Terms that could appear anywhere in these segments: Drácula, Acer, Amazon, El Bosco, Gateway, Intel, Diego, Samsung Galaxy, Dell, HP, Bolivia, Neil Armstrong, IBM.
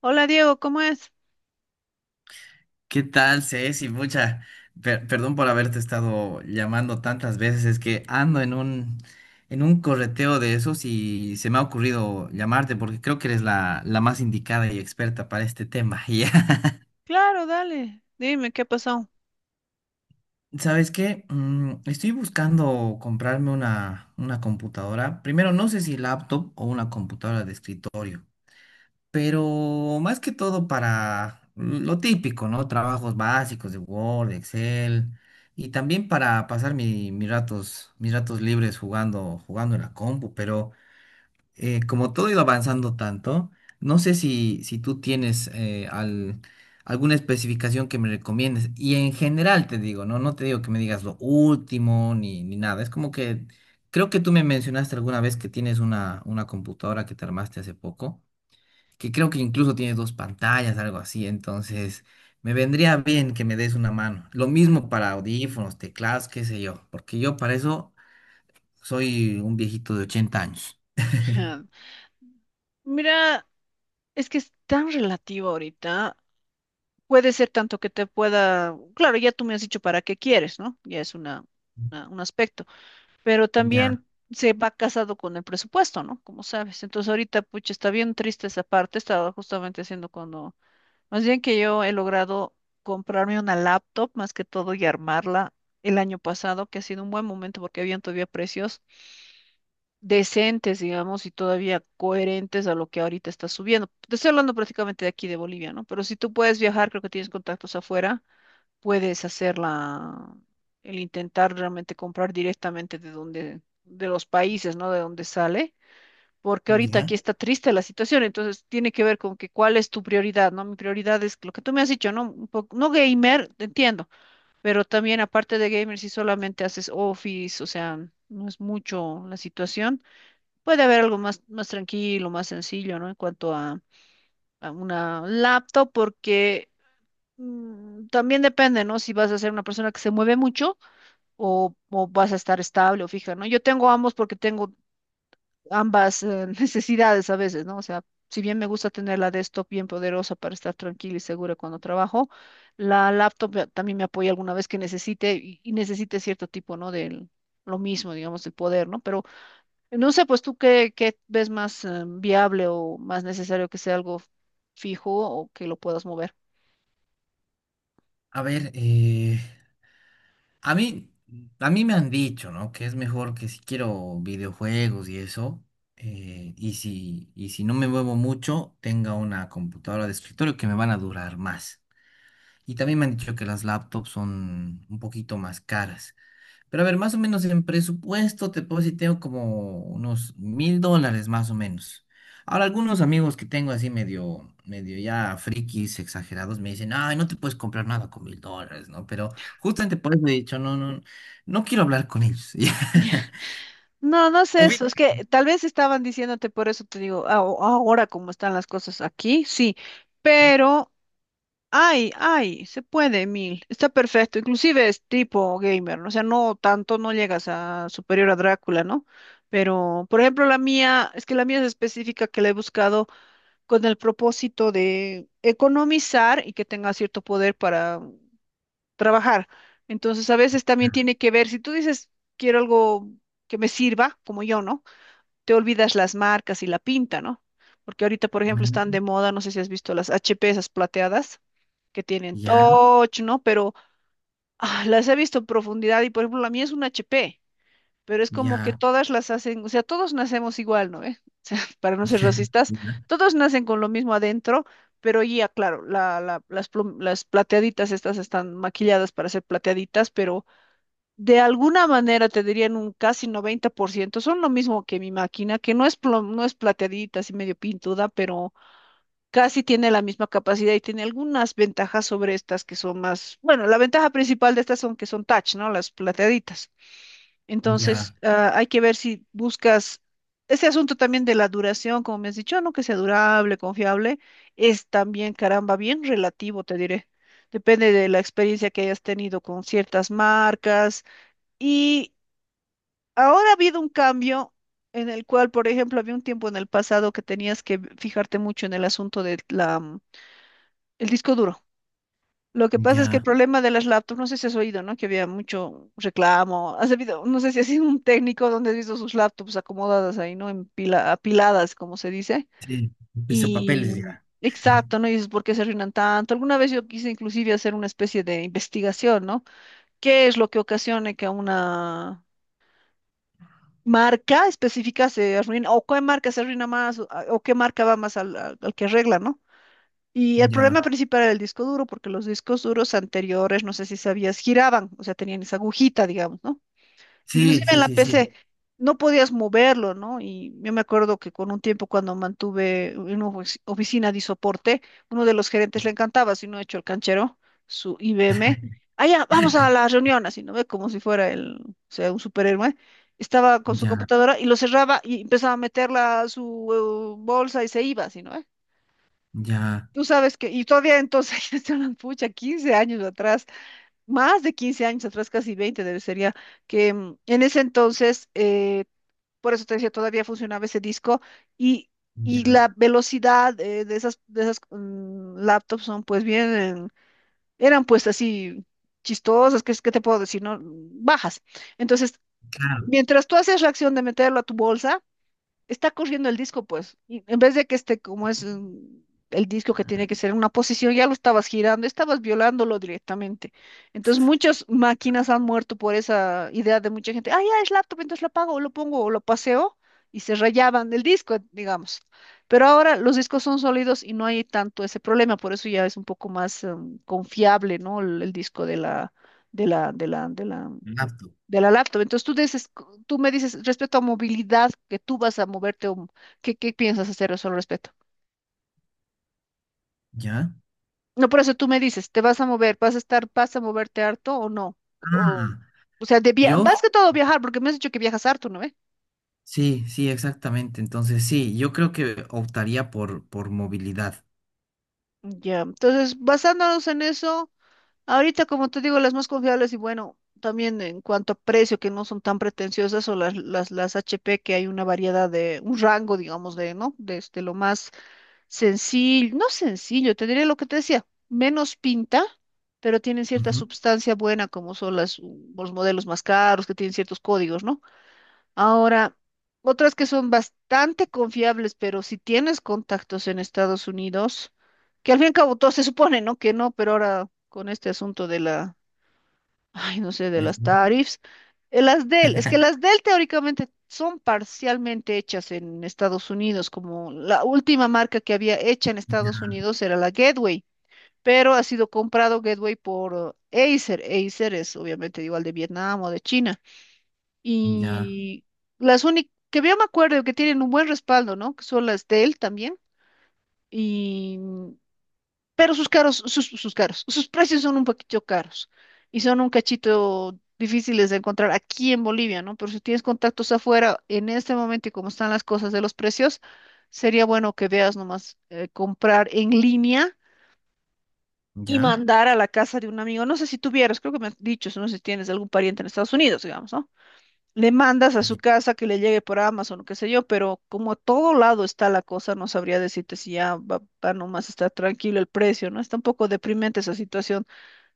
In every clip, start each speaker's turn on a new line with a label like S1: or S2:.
S1: Hola Diego, ¿cómo es?
S2: ¿Qué tal, Ceci? Mucha, perdón por haberte estado llamando tantas veces, es que ando en un correteo de esos y se me ha ocurrido llamarte porque creo que eres la más indicada y experta para este tema. ¿Ya?
S1: Claro, dale, dime qué pasó.
S2: ¿Sabes qué? Estoy buscando comprarme una computadora. Primero, no sé si laptop o una computadora de escritorio. Pero más que todo para lo típico, ¿no? Trabajos básicos de Word, Excel, y también para pasar mis ratos libres jugando, jugando en la compu, pero como todo ha ido avanzando tanto, no sé si tú tienes alguna especificación que me recomiendes, y en general te digo, ¿no? No te digo que me digas lo último ni nada, es como que... Creo que tú me mencionaste alguna vez que tienes una computadora que te armaste hace poco que creo que incluso tiene dos pantallas, algo así, entonces me vendría bien que me des una mano. Lo mismo para audífonos, teclados, qué sé yo, porque yo para eso soy un viejito de 80 años.
S1: Mira, es que es tan relativo ahorita. Puede ser tanto que te pueda, claro, ya tú me has dicho para qué quieres, ¿no? Ya es un aspecto, pero
S2: Ya,
S1: también se va casado con el presupuesto, ¿no? Como sabes. Entonces ahorita, pucha, está bien triste esa parte. Estaba justamente haciendo cuando, más bien que yo he logrado comprarme una laptop más que todo y armarla el año pasado, que ha sido un buen momento porque habían todavía precios decentes, digamos, y todavía coherentes a lo que ahorita está subiendo. Te estoy hablando prácticamente de aquí de Bolivia, ¿no? Pero si tú puedes viajar, creo que tienes contactos afuera, puedes hacer el intentar realmente comprar directamente de donde, de los países, ¿no? De donde sale. Porque ahorita
S2: ya.
S1: aquí está triste la situación, entonces tiene que ver con que cuál es tu prioridad, ¿no? Mi prioridad es lo que tú me has dicho, ¿no? Un poco, no gamer, te entiendo, pero también aparte de gamer, si solamente haces office, o sea, no es mucho la situación. Puede haber algo más, más tranquilo, más sencillo, ¿no? En cuanto a una laptop, porque también depende, ¿no? Si vas a ser una persona que se mueve mucho o, o vas a estar estable o fija, ¿no? Yo tengo ambos porque tengo ambas necesidades a veces, ¿no? O sea, si bien me gusta tener la desktop bien poderosa para estar tranquila y segura cuando trabajo, la laptop también me apoya alguna vez que necesite y necesite cierto tipo, ¿no? Del, lo mismo, digamos, el poder, ¿no? Pero no sé, pues tú qué, qué ves más viable o más necesario que sea algo fijo o que lo puedas mover.
S2: A ver, a mí, a mí me han dicho, ¿no? Que es mejor que si quiero videojuegos y eso, y si no me muevo mucho, tenga una computadora de escritorio que me van a durar más. Y también me han dicho que las laptops son un poquito más caras. Pero a ver, más o menos en presupuesto te puedo decir, tengo como unos $1000 más o menos. Ahora, algunos amigos que tengo así medio ya frikis, exagerados, me dicen, ay, no te puedes comprar nada con $1000, ¿no? Pero justamente por eso he dicho, no quiero hablar con ellos. Ya.
S1: No, no sé
S2: Ubi-
S1: eso. Es que tal vez estaban diciéndote por eso te digo, ahora como están las cosas aquí, sí. Pero, ay, ay, se puede, mil está perfecto. Inclusive es tipo gamer, ¿no? O sea, no tanto, no llegas a superior a Drácula, ¿no? Pero, por ejemplo, la mía, es que la mía es específica que la he buscado con el propósito de economizar y que tenga cierto poder para trabajar. Entonces, a veces también tiene que ver, si tú dices, quiero algo que me sirva, como yo, ¿no? Te olvidas las marcas y la pinta, ¿no? Porque ahorita, por ejemplo, están
S2: Mm,
S1: de moda, no sé si has visto las HP, esas plateadas, que tienen
S2: ya,
S1: touch, ¿no? Pero ah, las he visto en profundidad y, por ejemplo, la mía es una HP, pero es como que
S2: ya,
S1: todas las hacen, o sea, todos nacemos igual, ¿no? ¿Eh? O sea, para no ser racistas,
S2: ya,
S1: todos nacen con lo mismo adentro. Pero ya, claro, las plateaditas estas están maquilladas para ser plateaditas, pero de alguna manera te dirían un casi 90% son lo mismo que mi máquina, que no es, no es plateadita, así medio pintuda, pero casi tiene la misma capacidad y tiene algunas ventajas sobre estas que son más, bueno, la ventaja principal de estas son que son touch, ¿no? Las plateaditas. Entonces,
S2: ya,
S1: ah, hay que ver si buscas ese asunto también de la duración, como me has dicho, ¿no? Que sea durable, confiable, es también, caramba, bien relativo, te diré. Depende de la experiencia que hayas tenido con ciertas marcas. Y ahora ha habido un cambio en el cual, por ejemplo, había un tiempo en el pasado que tenías que fijarte mucho en el asunto del disco duro. Lo que pasa es que el
S2: ya.
S1: problema de las laptops, no sé si has oído, ¿no? Que había mucho reclamo. Has habido, no sé si has sido un técnico donde has visto sus laptops acomodadas ahí, ¿no? En apiladas, como se dice.
S2: Sí,
S1: Y
S2: pisapapeles, ya.
S1: exacto, ¿no? Y dices, ¿por qué se arruinan tanto? Alguna vez yo quise inclusive hacer una especie de investigación, ¿no? ¿Qué es lo que ocasiona que a una marca específica se arruina, o qué marca se arruina más, o, o qué marca va más al, al que arregla, ¿no? Y el problema
S2: Ya.
S1: principal era el disco duro, porque los discos duros anteriores, no sé si sabías, giraban, o sea, tenían esa agujita, digamos, ¿no?
S2: Sí,
S1: Inclusive en
S2: sí,
S1: la
S2: sí, sí.
S1: PC no podías moverlo, ¿no? Y yo me acuerdo que con un tiempo cuando mantuve una oficina de soporte, uno de los gerentes le encantaba, si no he hecho el canchero, su IBM, allá, vamos a la reunión, así, ¿no ve? Como si fuera el, o sea, un superhéroe. Estaba con su
S2: Ya,
S1: computadora y lo cerraba y empezaba a meterla a su bolsa y se iba, así, ¿no ve?
S2: ya,
S1: Tú sabes que, y todavía entonces, ya se pucha, 15 años atrás, más de 15 años atrás, casi 20 debe ser ya, que en ese entonces, por eso te decía, todavía funcionaba ese disco y, y
S2: ya.
S1: la velocidad de esas laptops son pues bien, eran pues así chistosas, ¿qué, qué te puedo decir? ¿No? Bajas. Entonces,
S2: Claro.
S1: mientras tú haces la acción de meterlo a tu bolsa, está corriendo el disco, pues, y en vez de que esté como es el disco que tiene que ser en una posición, ya lo estabas girando, estabas violándolo directamente. Entonces, muchas máquinas han muerto por esa idea de mucha gente, ah, ya es laptop, entonces la apago, o lo pongo, o lo paseo, y se rayaban el disco, digamos. Pero ahora los discos son sólidos y no hay tanto ese problema, por eso ya es un poco más, confiable, ¿no? El disco de la
S2: Laptop,
S1: de la laptop. Entonces tú dices, tú me dices respecto a movilidad, que tú vas a moverte, o ¿qué, qué piensas hacer eso al respecto?
S2: ¿ya?
S1: No, por eso tú me dices, ¿te vas a mover? ¿Vas a estar, vas a moverte harto o no? O,
S2: Mm,
S1: o sea, de
S2: yo,
S1: más que todo viajar, porque me has dicho que viajas harto, ¿no ve?
S2: sí, sí, exactamente. Entonces, sí, yo creo que optaría por movilidad.
S1: Ya, entonces basándonos en eso, ahorita como te digo, las más confiables y bueno, también en cuanto a precio, que no son tan pretenciosas, o las HP, que hay una variedad de, un rango, digamos, de, ¿no? Desde lo más sencillo, no sencillo, tendría lo que te decía, menos pinta, pero tienen cierta
S2: Ujú.
S1: sustancia buena, como son las, los modelos más caros, que tienen ciertos códigos, ¿no? Ahora, otras que son bastante confiables, pero si tienes contactos en Estados Unidos, que al fin y al cabo todo se supone, ¿no? Que no, pero ahora con este asunto de la ay, no sé, de las
S2: Del-
S1: tarifas. Las Dell, es que las Dell teóricamente son parcialmente hechas en Estados Unidos, como la última marca que había hecha en Estados
S2: Ya,
S1: Unidos era la Gateway, pero ha sido comprado Gateway por Acer. Acer es obviamente igual de Vietnam o de China.
S2: ya,
S1: Y las únicas que yo me acuerdo que tienen un buen respaldo, ¿no? Que son las Dell también. Y pero sus caros, sus caros, sus precios son un poquito caros y son un cachito difíciles de encontrar aquí en Bolivia, ¿no? Pero si tienes contactos afuera, en este momento y como están las cosas de los precios, sería bueno que veas nomás comprar en línea y
S2: ya.
S1: mandar a la casa de un amigo. No sé si tuvieras, creo que me has dicho, no sé si tienes algún pariente en Estados Unidos, digamos, ¿no? Le mandas a su
S2: Ya.
S1: casa que le llegue por Amazon, qué sé yo, pero como a todo lado está la cosa, no sabría decirte si ya va, va nomás está tranquilo el precio, ¿no? Está un poco deprimente esa situación,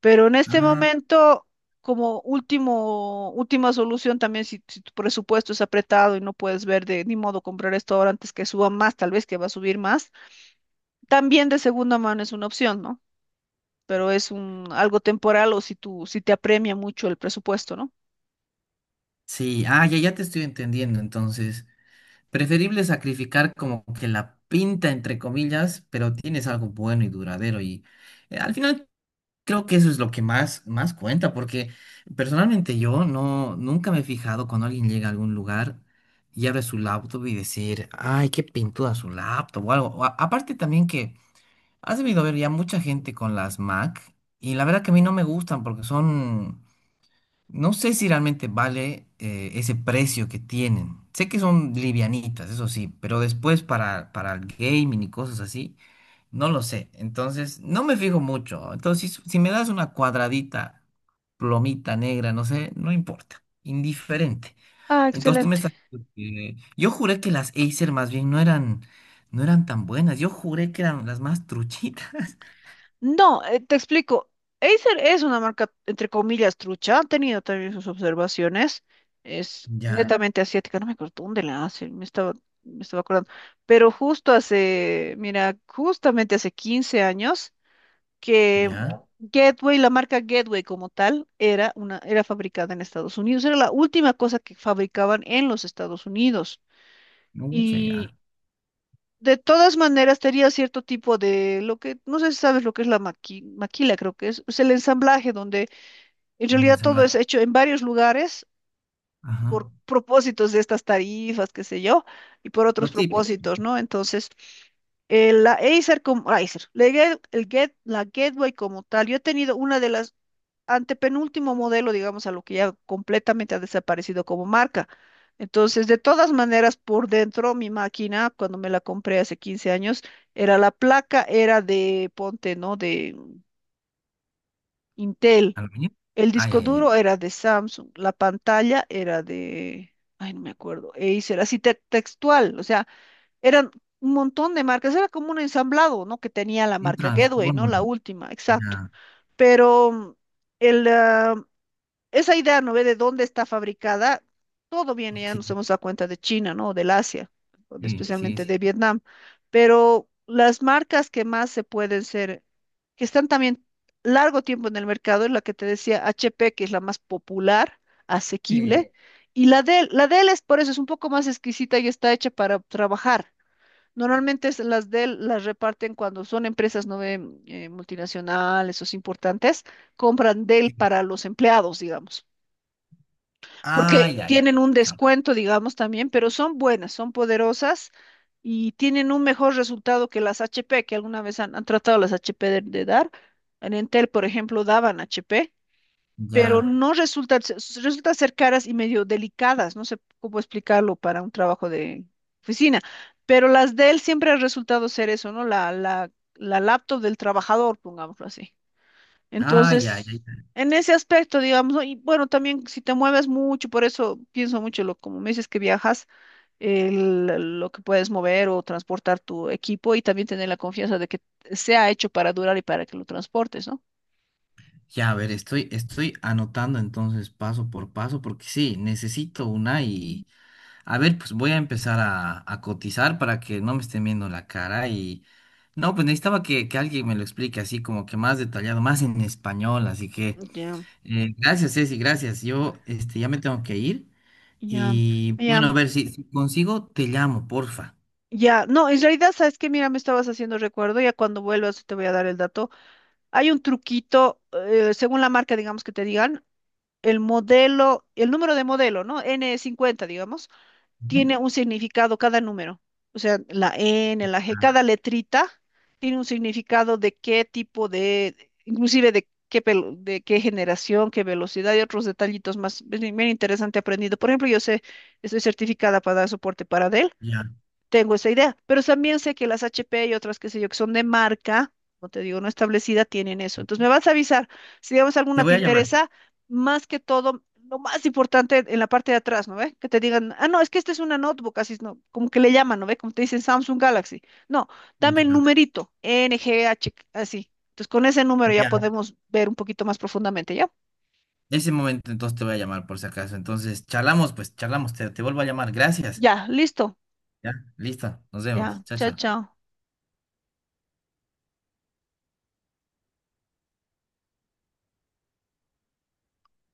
S1: pero en este
S2: Ah,
S1: momento, como último, última solución también, si, si tu presupuesto es apretado y no puedes ver de ni modo comprar esto ahora antes que suba más, tal vez que va a subir más, también de segunda mano es una opción, ¿no? Pero es un algo temporal o si tú, si te apremia mucho el presupuesto, ¿no?
S2: sí, ah, ya, ya te estoy entendiendo. Entonces, preferible sacrificar como que la pinta, entre comillas, pero tienes algo bueno y duradero. Y al final creo que eso es lo que más, más cuenta, porque personalmente yo nunca me he fijado cuando alguien llega a algún lugar y abre su laptop y decir, ay, qué pintuda su laptop o algo. O aparte también que has debido ver ya mucha gente con las Mac y la verdad que a mí no me gustan porque son, no sé si realmente vale ese precio que tienen. Sé que son livianitas, eso sí, pero después para el gaming y cosas así. No lo sé, entonces no me fijo mucho. Entonces, si me das una cuadradita, plomita negra, no sé, no importa, indiferente.
S1: Ah,
S2: Entonces tú me
S1: excelente.
S2: estás... Eh, yo juré que las Acer más bien no eran, no eran tan buenas, yo juré que eran las más truchitas.
S1: No, te explico. Acer es una marca, entre comillas, trucha. Han tenido también sus observaciones. Es
S2: Ya,
S1: netamente asiática. No me acuerdo dónde la hacen. Me estaba acordando. Pero justo hace, mira, justamente hace 15 años que
S2: ya,
S1: Gateway, la marca Gateway como tal, era una, era fabricada en Estados Unidos. Era la última cosa que fabricaban en los Estados Unidos.
S2: mucha ya.
S1: De todas maneras, tenía cierto tipo de lo que, no sé si sabes lo que es la maquila, creo que es el ensamblaje, donde en
S2: Un
S1: realidad todo
S2: ensamblaje.
S1: es hecho en varios lugares
S2: Ajá.
S1: por propósitos de estas tarifas, qué sé yo, y por otros
S2: Lo típico.
S1: propósitos, ¿no? Entonces, la Acer como, Acer, la, la Gateway como tal, yo he tenido una de las antepenúltimo modelo, digamos, a lo que ya completamente ha desaparecido como marca. Entonces, de todas maneras, por dentro, mi máquina, cuando me la compré hace 15 años, era la placa, era de, ponte, ¿no? De Intel.
S2: ¿Aluminio?
S1: El
S2: Ah, ya,
S1: disco
S2: ya, ya.
S1: duro era de Samsung. La pantalla era de, ay, no me acuerdo, Acer, así textual. O sea, eran un montón de marcas. Era como un ensamblado, ¿no? Que tenía la
S2: Un
S1: marca Gateway, ¿no? La
S2: transformer.
S1: última, exacto.
S2: Ya.
S1: Pero el, ah, esa idea, ¿no ve? De dónde está fabricada, todo viene, ya
S2: Sí,
S1: nos hemos dado cuenta de China, ¿no? Del Asia, o
S2: sí, sí,
S1: especialmente
S2: sí.
S1: de Vietnam. Pero las marcas que más se pueden ser, que están también largo tiempo en el mercado, es la que te decía HP, que es la más popular,
S2: Sí.
S1: asequible, y la Dell es por eso, es un poco más exquisita y está hecha para trabajar. Normalmente las Dell las reparten cuando son empresas no ve, multinacionales o importantes, compran Dell
S2: Sí.
S1: para los empleados, digamos
S2: Ah,
S1: porque
S2: ya, ya.
S1: tienen un
S2: Chao.
S1: descuento, digamos, también, pero son buenas, son poderosas y tienen un mejor resultado que las HP, que alguna vez han, han tratado las HP de dar. En Entel, por ejemplo, daban HP, pero
S2: Ya.
S1: no resulta, resulta ser caras y medio delicadas, no sé cómo explicarlo para un trabajo de oficina, pero las de él siempre ha resultado ser eso, ¿no? La laptop del trabajador, pongámoslo así.
S2: Ah, ya, ya,
S1: Entonces,
S2: ya.
S1: en ese aspecto, digamos, ¿no? Y bueno, también si te mueves mucho, por eso pienso mucho, lo, como me dices que viajas, lo que puedes mover o transportar tu equipo y también tener la confianza de que sea hecho para durar y para que lo transportes, ¿no?
S2: Ya, a ver, estoy, estoy anotando entonces paso por paso porque sí, necesito una y a ver, pues voy a empezar a cotizar para que no me estén viendo la cara y no, pues necesitaba que alguien me lo explique así como que más detallado, más en español, así que
S1: Ya,
S2: gracias, Ceci, gracias. Yo este, ya me tengo que ir
S1: ya,
S2: y
S1: ya,
S2: bueno, a ver, si consigo, te llamo, porfa.
S1: ya. No, en realidad, ¿sabes que mira, me estabas haciendo recuerdo, ya cuando vuelvas te voy a dar el dato. Hay un truquito, según la marca, digamos que te digan, el modelo, el número de modelo, ¿no? N50, digamos.
S2: Ujú.
S1: Tiene un significado cada número. O sea, la N, la G,
S2: Ah,
S1: cada letrita tiene un significado de qué tipo de, inclusive de qué, de qué generación, qué velocidad y otros detallitos más. Es bien, bien interesante aprendido. Por ejemplo, yo sé, estoy certificada para dar soporte para Dell,
S2: ya,
S1: tengo esa idea, pero también sé que las HP y otras, qué sé yo, que son de marca, como te digo, no establecida, tienen eso. Entonces me vas a avisar si digamos
S2: te
S1: alguna
S2: voy
S1: te
S2: a llamar.
S1: interesa, más que todo, lo más importante en la parte de atrás, ¿no ve? Que te digan, ah, no, es que esta es una notebook, así, ¿no? Como que le llaman, ¿no ve? Como te dicen Samsung Galaxy. No, dame el
S2: Ya,
S1: numerito, NGH, así. Entonces con ese número ya
S2: ya.
S1: podemos ver un poquito más profundamente, ¿ya?
S2: Ese momento entonces te voy a llamar por si acaso. Entonces, charlamos, pues charlamos, te vuelvo a llamar. Gracias.
S1: Ya, listo.
S2: Ya, listo, nos
S1: Ya,
S2: vemos. Chao,
S1: chao,
S2: chao.
S1: chao.